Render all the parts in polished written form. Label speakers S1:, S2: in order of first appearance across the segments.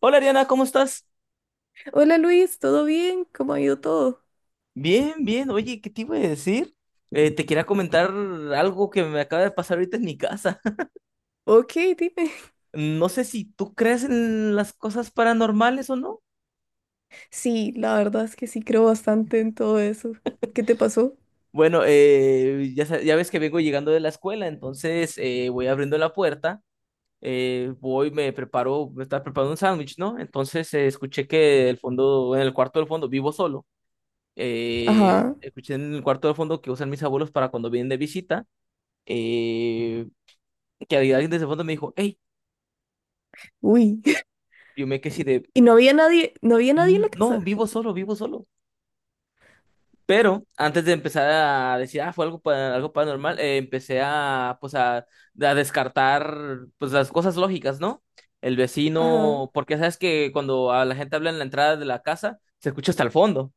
S1: Hola Ariana, ¿cómo estás?
S2: Hola Luis, ¿todo bien? ¿Cómo ha ido todo?
S1: Bien, bien. Oye, ¿qué te iba a decir? Te quería comentar algo que me acaba de pasar ahorita en mi casa.
S2: Ok, dime.
S1: No sé si tú crees en las cosas paranormales o no.
S2: Sí, la verdad es que sí creo bastante en todo eso. ¿Qué te pasó?
S1: Bueno, ya, ya ves que vengo llegando de la escuela, entonces voy abriendo la puerta, voy, me preparo, me estaba preparando un sándwich, ¿no? Entonces escuché que el fondo, en el cuarto del fondo, vivo solo.
S2: Ajá.
S1: Escuché en el cuarto del fondo que usan mis abuelos para cuando vienen de visita. Eh, que alguien desde el fondo me dijo, hey,
S2: Uy.
S1: yo me quedé así de,
S2: Y no había nadie, no había nadie en la
S1: "Mm, no,
S2: casa.
S1: vivo solo, vivo solo". Pero antes de empezar a decir, ah, fue algo, algo paranormal, empecé a, pues, a descartar, pues, las cosas lógicas, ¿no? El
S2: Ajá.
S1: vecino, porque sabes que cuando a la gente habla en la entrada de la casa, se escucha hasta el fondo.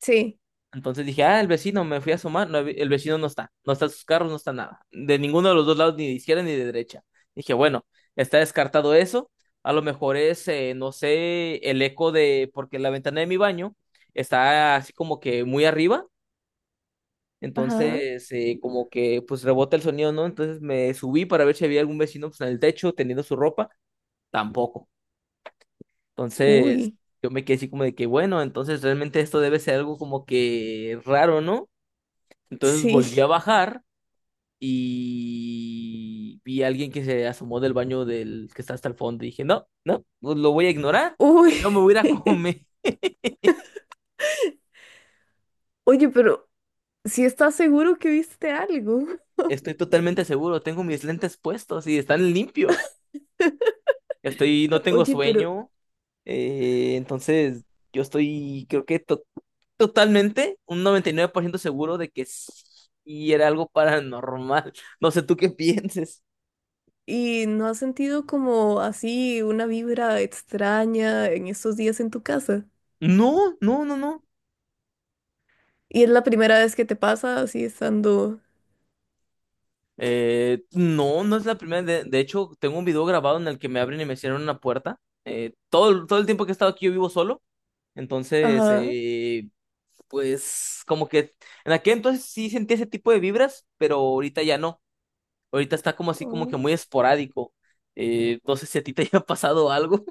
S2: Sí.
S1: Entonces dije, ah, el vecino, me fui a asomar, no, el vecino no está, no está sus carros, no está nada, de ninguno de los dos lados, ni de izquierda ni de derecha. Dije, bueno, está descartado eso, a lo mejor es, no sé, el eco de, porque la ventana de mi baño está así como que muy arriba,
S2: Ajá.
S1: entonces como que pues rebota el sonido, ¿no? Entonces me subí para ver si había algún vecino pues, en el techo teniendo su ropa, tampoco. Entonces
S2: Uy.
S1: yo me quedé así como de que, bueno, entonces realmente esto debe ser algo como que raro, ¿no? Entonces volví a
S2: Sí.
S1: bajar y vi a alguien que se asomó del baño del que está hasta el fondo. Y dije, no, no, pues lo voy a ignorar.
S2: Uy.
S1: Yo me voy a ir a comer.
S2: Oye, pero ¿si estás seguro que viste algo?
S1: Estoy totalmente seguro. Tengo mis lentes puestos y están limpios. Estoy, no tengo
S2: Oye, pero
S1: sueño. eh, entonces, yo estoy, creo que totalmente, un 99% seguro de que sí era algo paranormal. No sé tú qué pienses.
S2: ¿y no has sentido como así una vibra extraña en estos días en tu casa?
S1: No, no, no, no.
S2: ¿Y es la primera vez que te pasa así estando...
S1: No, no es la primera. De hecho, tengo un video grabado en el que me abren y me cierran una puerta. Todo, todo el tiempo que he estado aquí yo vivo solo. Entonces,
S2: Ajá.
S1: pues como que en aquel entonces sí sentía ese tipo de vibras, pero ahorita ya no. Ahorita está como así como
S2: Oh.
S1: que muy esporádico. No sé si a ti te haya pasado algo.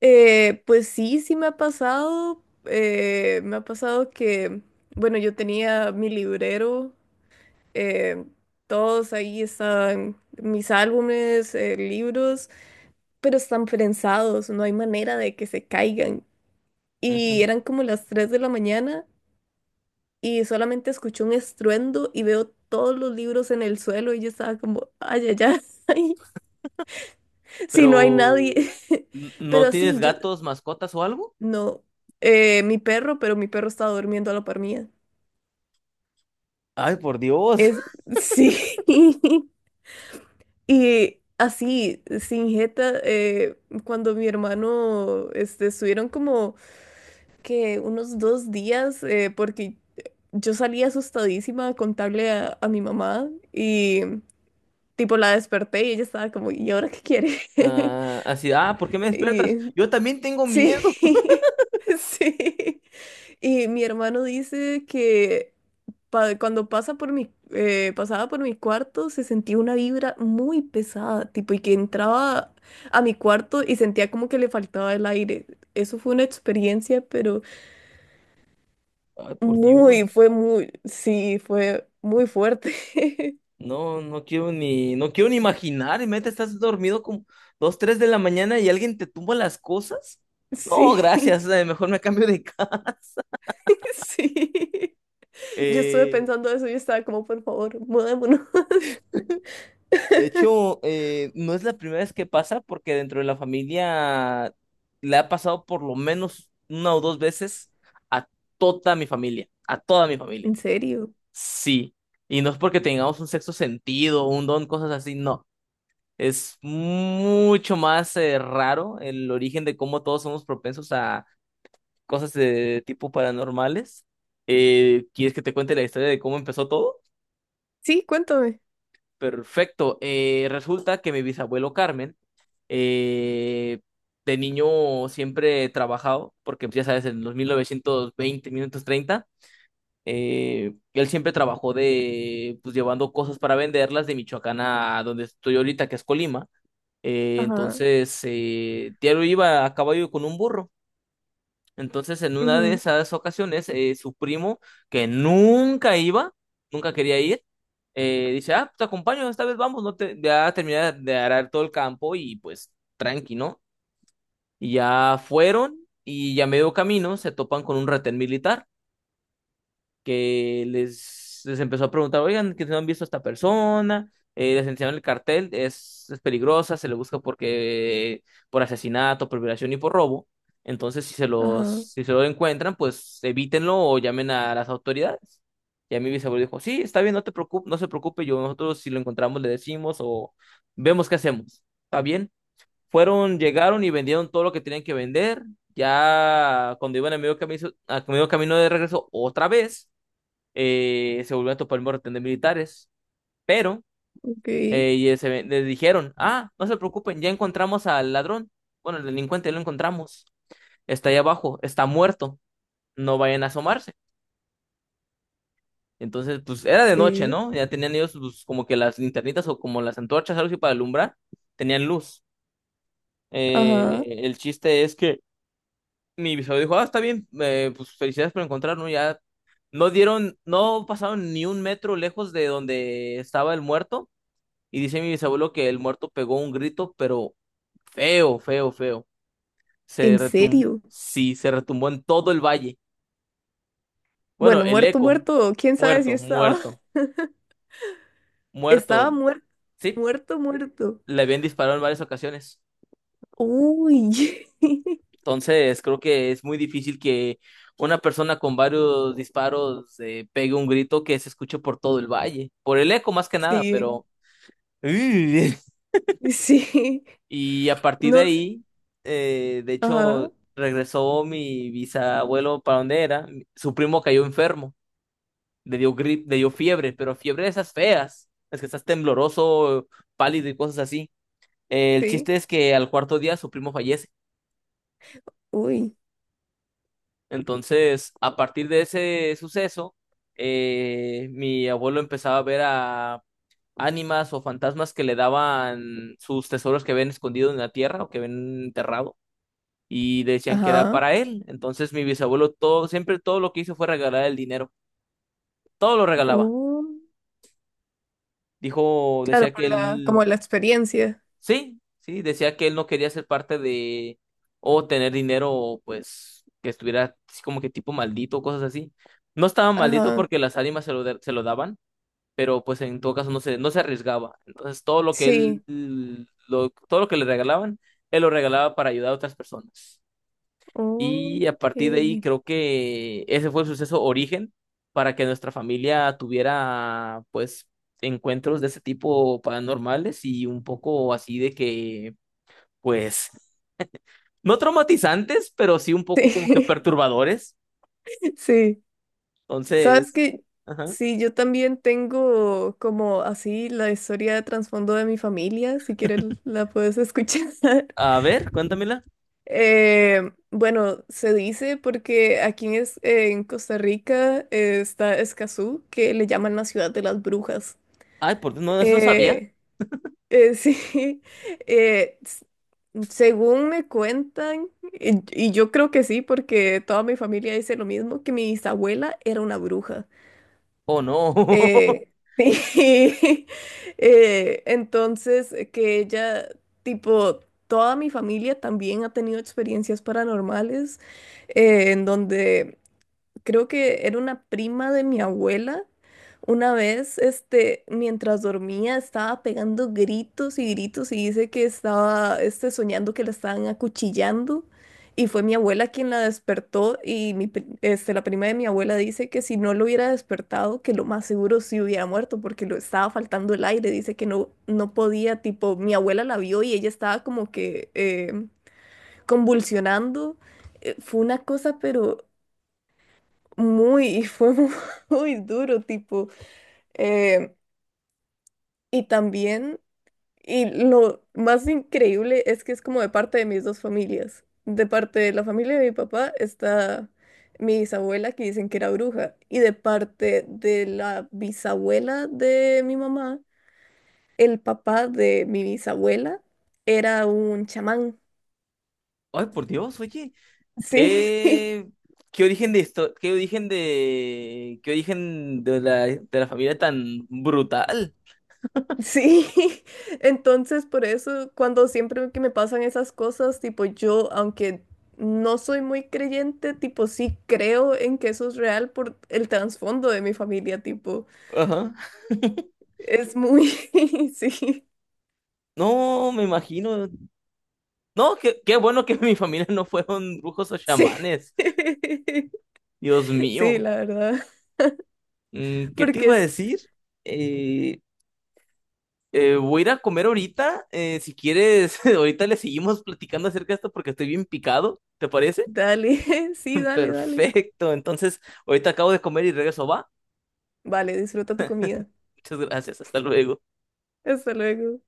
S2: Pues sí, sí me ha pasado. Me ha pasado que, bueno, yo tenía mi librero, eh, todos ahí están mis álbumes, libros, pero están prensados, no hay manera de que se caigan. Y
S1: Ujú.
S2: eran como las 3 de la mañana y solamente escuché un estruendo y veo todos los libros en el suelo y yo estaba como, ay, ay, ay, si no hay
S1: Pero
S2: nadie.
S1: ¿no
S2: Pero
S1: tienes
S2: sí, yo,
S1: gatos, mascotas o algo?
S2: no, mi perro, pero mi perro estaba durmiendo a la par mía.
S1: Ay, por Dios.
S2: Es, sí. Y así, sin jeta, cuando mi hermano, este, estuvieron como que unos 2 días, porque yo salí asustadísima a contarle a mi mamá y tipo la desperté y ella estaba como, ¿y ahora qué quiere?
S1: Ah, así, ah, ¿por qué me despiertas?
S2: Y
S1: Yo también tengo
S2: sí,
S1: miedo.
S2: sí. Y mi hermano dice que cuando pasa por mi, pasaba por mi cuarto, se sentía una vibra muy pesada, tipo, y que entraba a mi cuarto y sentía como que le faltaba el aire. Eso fue una experiencia, pero
S1: Ay, por
S2: muy,
S1: Dios.
S2: fue muy, sí, fue muy fuerte.
S1: No, no quiero ni, no quiero ni imaginar. Y meta, estás dormido como dos, tres de la mañana y alguien te tumba las cosas. No,
S2: Sí,
S1: gracias. Mejor me cambio de casa.
S2: sí. Yo estuve
S1: Eh,
S2: pensando eso y estaba como, por favor, mudémonos.
S1: de hecho, no es la primera vez que pasa, porque dentro de la familia le ha pasado por lo menos una o dos veces a toda mi familia. A toda mi familia.
S2: En serio.
S1: Sí. Y no es porque tengamos un sexto sentido, un don, cosas así, no. Es mucho más raro el origen de cómo todos somos propensos a cosas de tipo paranormales. ¿Quieres que te cuente la historia de cómo empezó todo?
S2: Sí, cuéntame.
S1: Perfecto. Resulta que mi bisabuelo Carmen, eh, de niño siempre he trabajado, porque pues, ya sabes, en los 1920, 1930, él siempre trabajó de, pues llevando cosas para venderlas de Michoacán a donde estoy ahorita, que es Colima.
S2: Ajá,
S1: Tiaro iba a caballo con un burro. Entonces, en una de
S2: ujú,
S1: esas ocasiones, su primo, que nunca iba, nunca quería ir, dice, ah, te acompaño, esta vez vamos, no te, ya terminé de arar todo el campo y pues tranqui, ¿no? Y ya fueron y ya medio camino se topan con un retén militar que les empezó a preguntar, oigan, que no han visto a esta persona, les enseñaron el cartel, es peligrosa, se le busca porque por asesinato, por violación y por robo. Entonces, si se los,
S2: ajá,
S1: si se lo encuentran, pues evítenlo o llamen a las autoridades. Y a mi bisabuelo dijo, sí, está bien, no te preocupes, no se preocupe, yo nosotros si lo encontramos le decimos o vemos qué hacemos. Está bien. Fueron, llegaron y vendieron todo lo que tenían que vender. Ya cuando iban a medio camino de regreso otra vez, se volvió a topar el montón de militares, pero
S2: ok,
S1: les dijeron, ah, no se preocupen, ya encontramos al ladrón, bueno, el delincuente ya lo encontramos, está ahí abajo, está muerto, no vayan a asomarse. Entonces, pues era de noche,
S2: ok,
S1: ¿no? Ya tenían ellos pues, como que las linternitas o como las antorchas, algo así para alumbrar, tenían luz.
S2: ajá.
S1: El chiste es que mi bisabuelo dijo, ah, está bien, pues felicidades por encontrarnos, ya no dieron, no pasaron ni un metro lejos de donde estaba el muerto. Y dice mi bisabuelo que el muerto pegó un grito, pero feo, feo, feo. Se
S2: ¿En
S1: retumbó,
S2: serio?
S1: sí, se retumbó en todo el valle. Bueno,
S2: Bueno,
S1: el
S2: muerto,
S1: eco,
S2: muerto, quién sabe si
S1: muerto,
S2: estaba.
S1: muerto,
S2: Estaba
S1: muerto.
S2: muerto,
S1: Sí,
S2: muerto, muerto.
S1: le habían disparado en varias ocasiones.
S2: Uy,
S1: Entonces, creo que es muy difícil que una persona con varios disparos pegue un grito que se escuche por todo el valle. Por el eco más que nada,
S2: sí,
S1: pero...
S2: sí,
S1: Y a partir de
S2: no sé,
S1: ahí, de
S2: ajá,
S1: hecho, regresó mi bisabuelo para donde era. Su primo cayó enfermo, le dio grip, le dio fiebre, pero fiebre de esas feas. Es que estás tembloroso, pálido y cosas así. El
S2: sí,
S1: chiste es que al cuarto día su primo fallece.
S2: uy,
S1: Entonces, a partir de ese suceso, mi abuelo empezaba a ver a ánimas o fantasmas que le daban sus tesoros que ven escondidos en la tierra o que ven enterrados. Y decían que era
S2: ajá,
S1: para él. Entonces mi bisabuelo todo, siempre todo lo que hizo fue regalar el dinero, todo lo regalaba.
S2: oh,
S1: Dijo,
S2: claro,
S1: decía que
S2: por la, como
S1: él,
S2: la experiencia,
S1: sí, sí, decía que él no quería ser parte de o tener dinero, pues que estuviera así como que tipo maldito, cosas así. No estaba maldito
S2: ajá,
S1: porque las ánimas se lo daban, pero pues en todo caso no se, no se arriesgaba. Entonces todo lo que él,
S2: sí,
S1: lo, todo lo que le regalaban, él lo regalaba para ayudar a otras personas. Y a
S2: ok,
S1: partir de ahí
S2: sí,
S1: creo que ese fue el suceso origen para que nuestra familia tuviera pues encuentros de ese tipo paranormales y un poco así de que pues no traumatizantes, pero sí un poco como que perturbadores.
S2: sí. Sabes
S1: Entonces,
S2: que
S1: ajá.
S2: sí, yo también tengo como así la historia de trasfondo de mi familia, si quieres la puedes escuchar.
S1: A ver, cuéntamela.
S2: Bueno, se dice porque aquí en, en Costa Rica está Escazú, que le llaman la ciudad de las brujas.
S1: Ay, por Dios, no, eso no sabía.
S2: Eh, sí, eh, s- según me cuentan, y yo creo que sí, porque toda mi familia dice lo mismo, que mi bisabuela era una bruja.
S1: Oh, no.
S2: Eh, sí. Entonces, que ella, tipo, toda mi familia también ha tenido experiencias paranormales, en donde creo que era una prima de mi abuela. Una vez, este, mientras dormía, estaba pegando gritos y gritos y dice que estaba, este, soñando que la estaban acuchillando. Y fue mi abuela quien la despertó y la prima de mi abuela dice que si no lo hubiera despertado, que lo más seguro sí hubiera muerto porque lo estaba faltando el aire. Dice que no, no podía, tipo, mi abuela la vio y ella estaba como que convulsionando. Fue una cosa, pero muy, y fue muy duro, tipo, eh, y también, y lo más increíble es que es como de parte de mis dos familias, de parte de la familia de mi papá está mi bisabuela que dicen que era bruja, y de parte de la bisabuela de mi mamá, el papá de mi bisabuela era un chamán,
S1: Ay, por Dios, oye,
S2: sí.
S1: qué. ¿Qué origen de esto? Qué origen de de la familia tan brutal?
S2: Sí, entonces por eso cuando siempre que me pasan esas cosas, tipo yo, aunque no soy muy creyente, tipo sí creo en que eso es real por el trasfondo de mi familia, tipo,
S1: Ajá.
S2: es muy, sí,
S1: No, me imagino. No, qué, qué bueno que mi familia no fueron brujos o
S2: sí,
S1: chamanes. Dios
S2: sí,
S1: mío.
S2: la verdad,
S1: Mm, ¿qué te
S2: porque
S1: iba a
S2: es,
S1: decir? Eh, voy a ir a comer ahorita. Si quieres, ahorita le seguimos platicando acerca de esto porque estoy bien picado. ¿Te parece?
S2: dale, sí, dale, dale,
S1: Perfecto. Entonces, ahorita acabo de comer y regreso, ¿va?
S2: vale, disfruta tu comida,
S1: Muchas gracias. Hasta luego.
S2: hasta luego.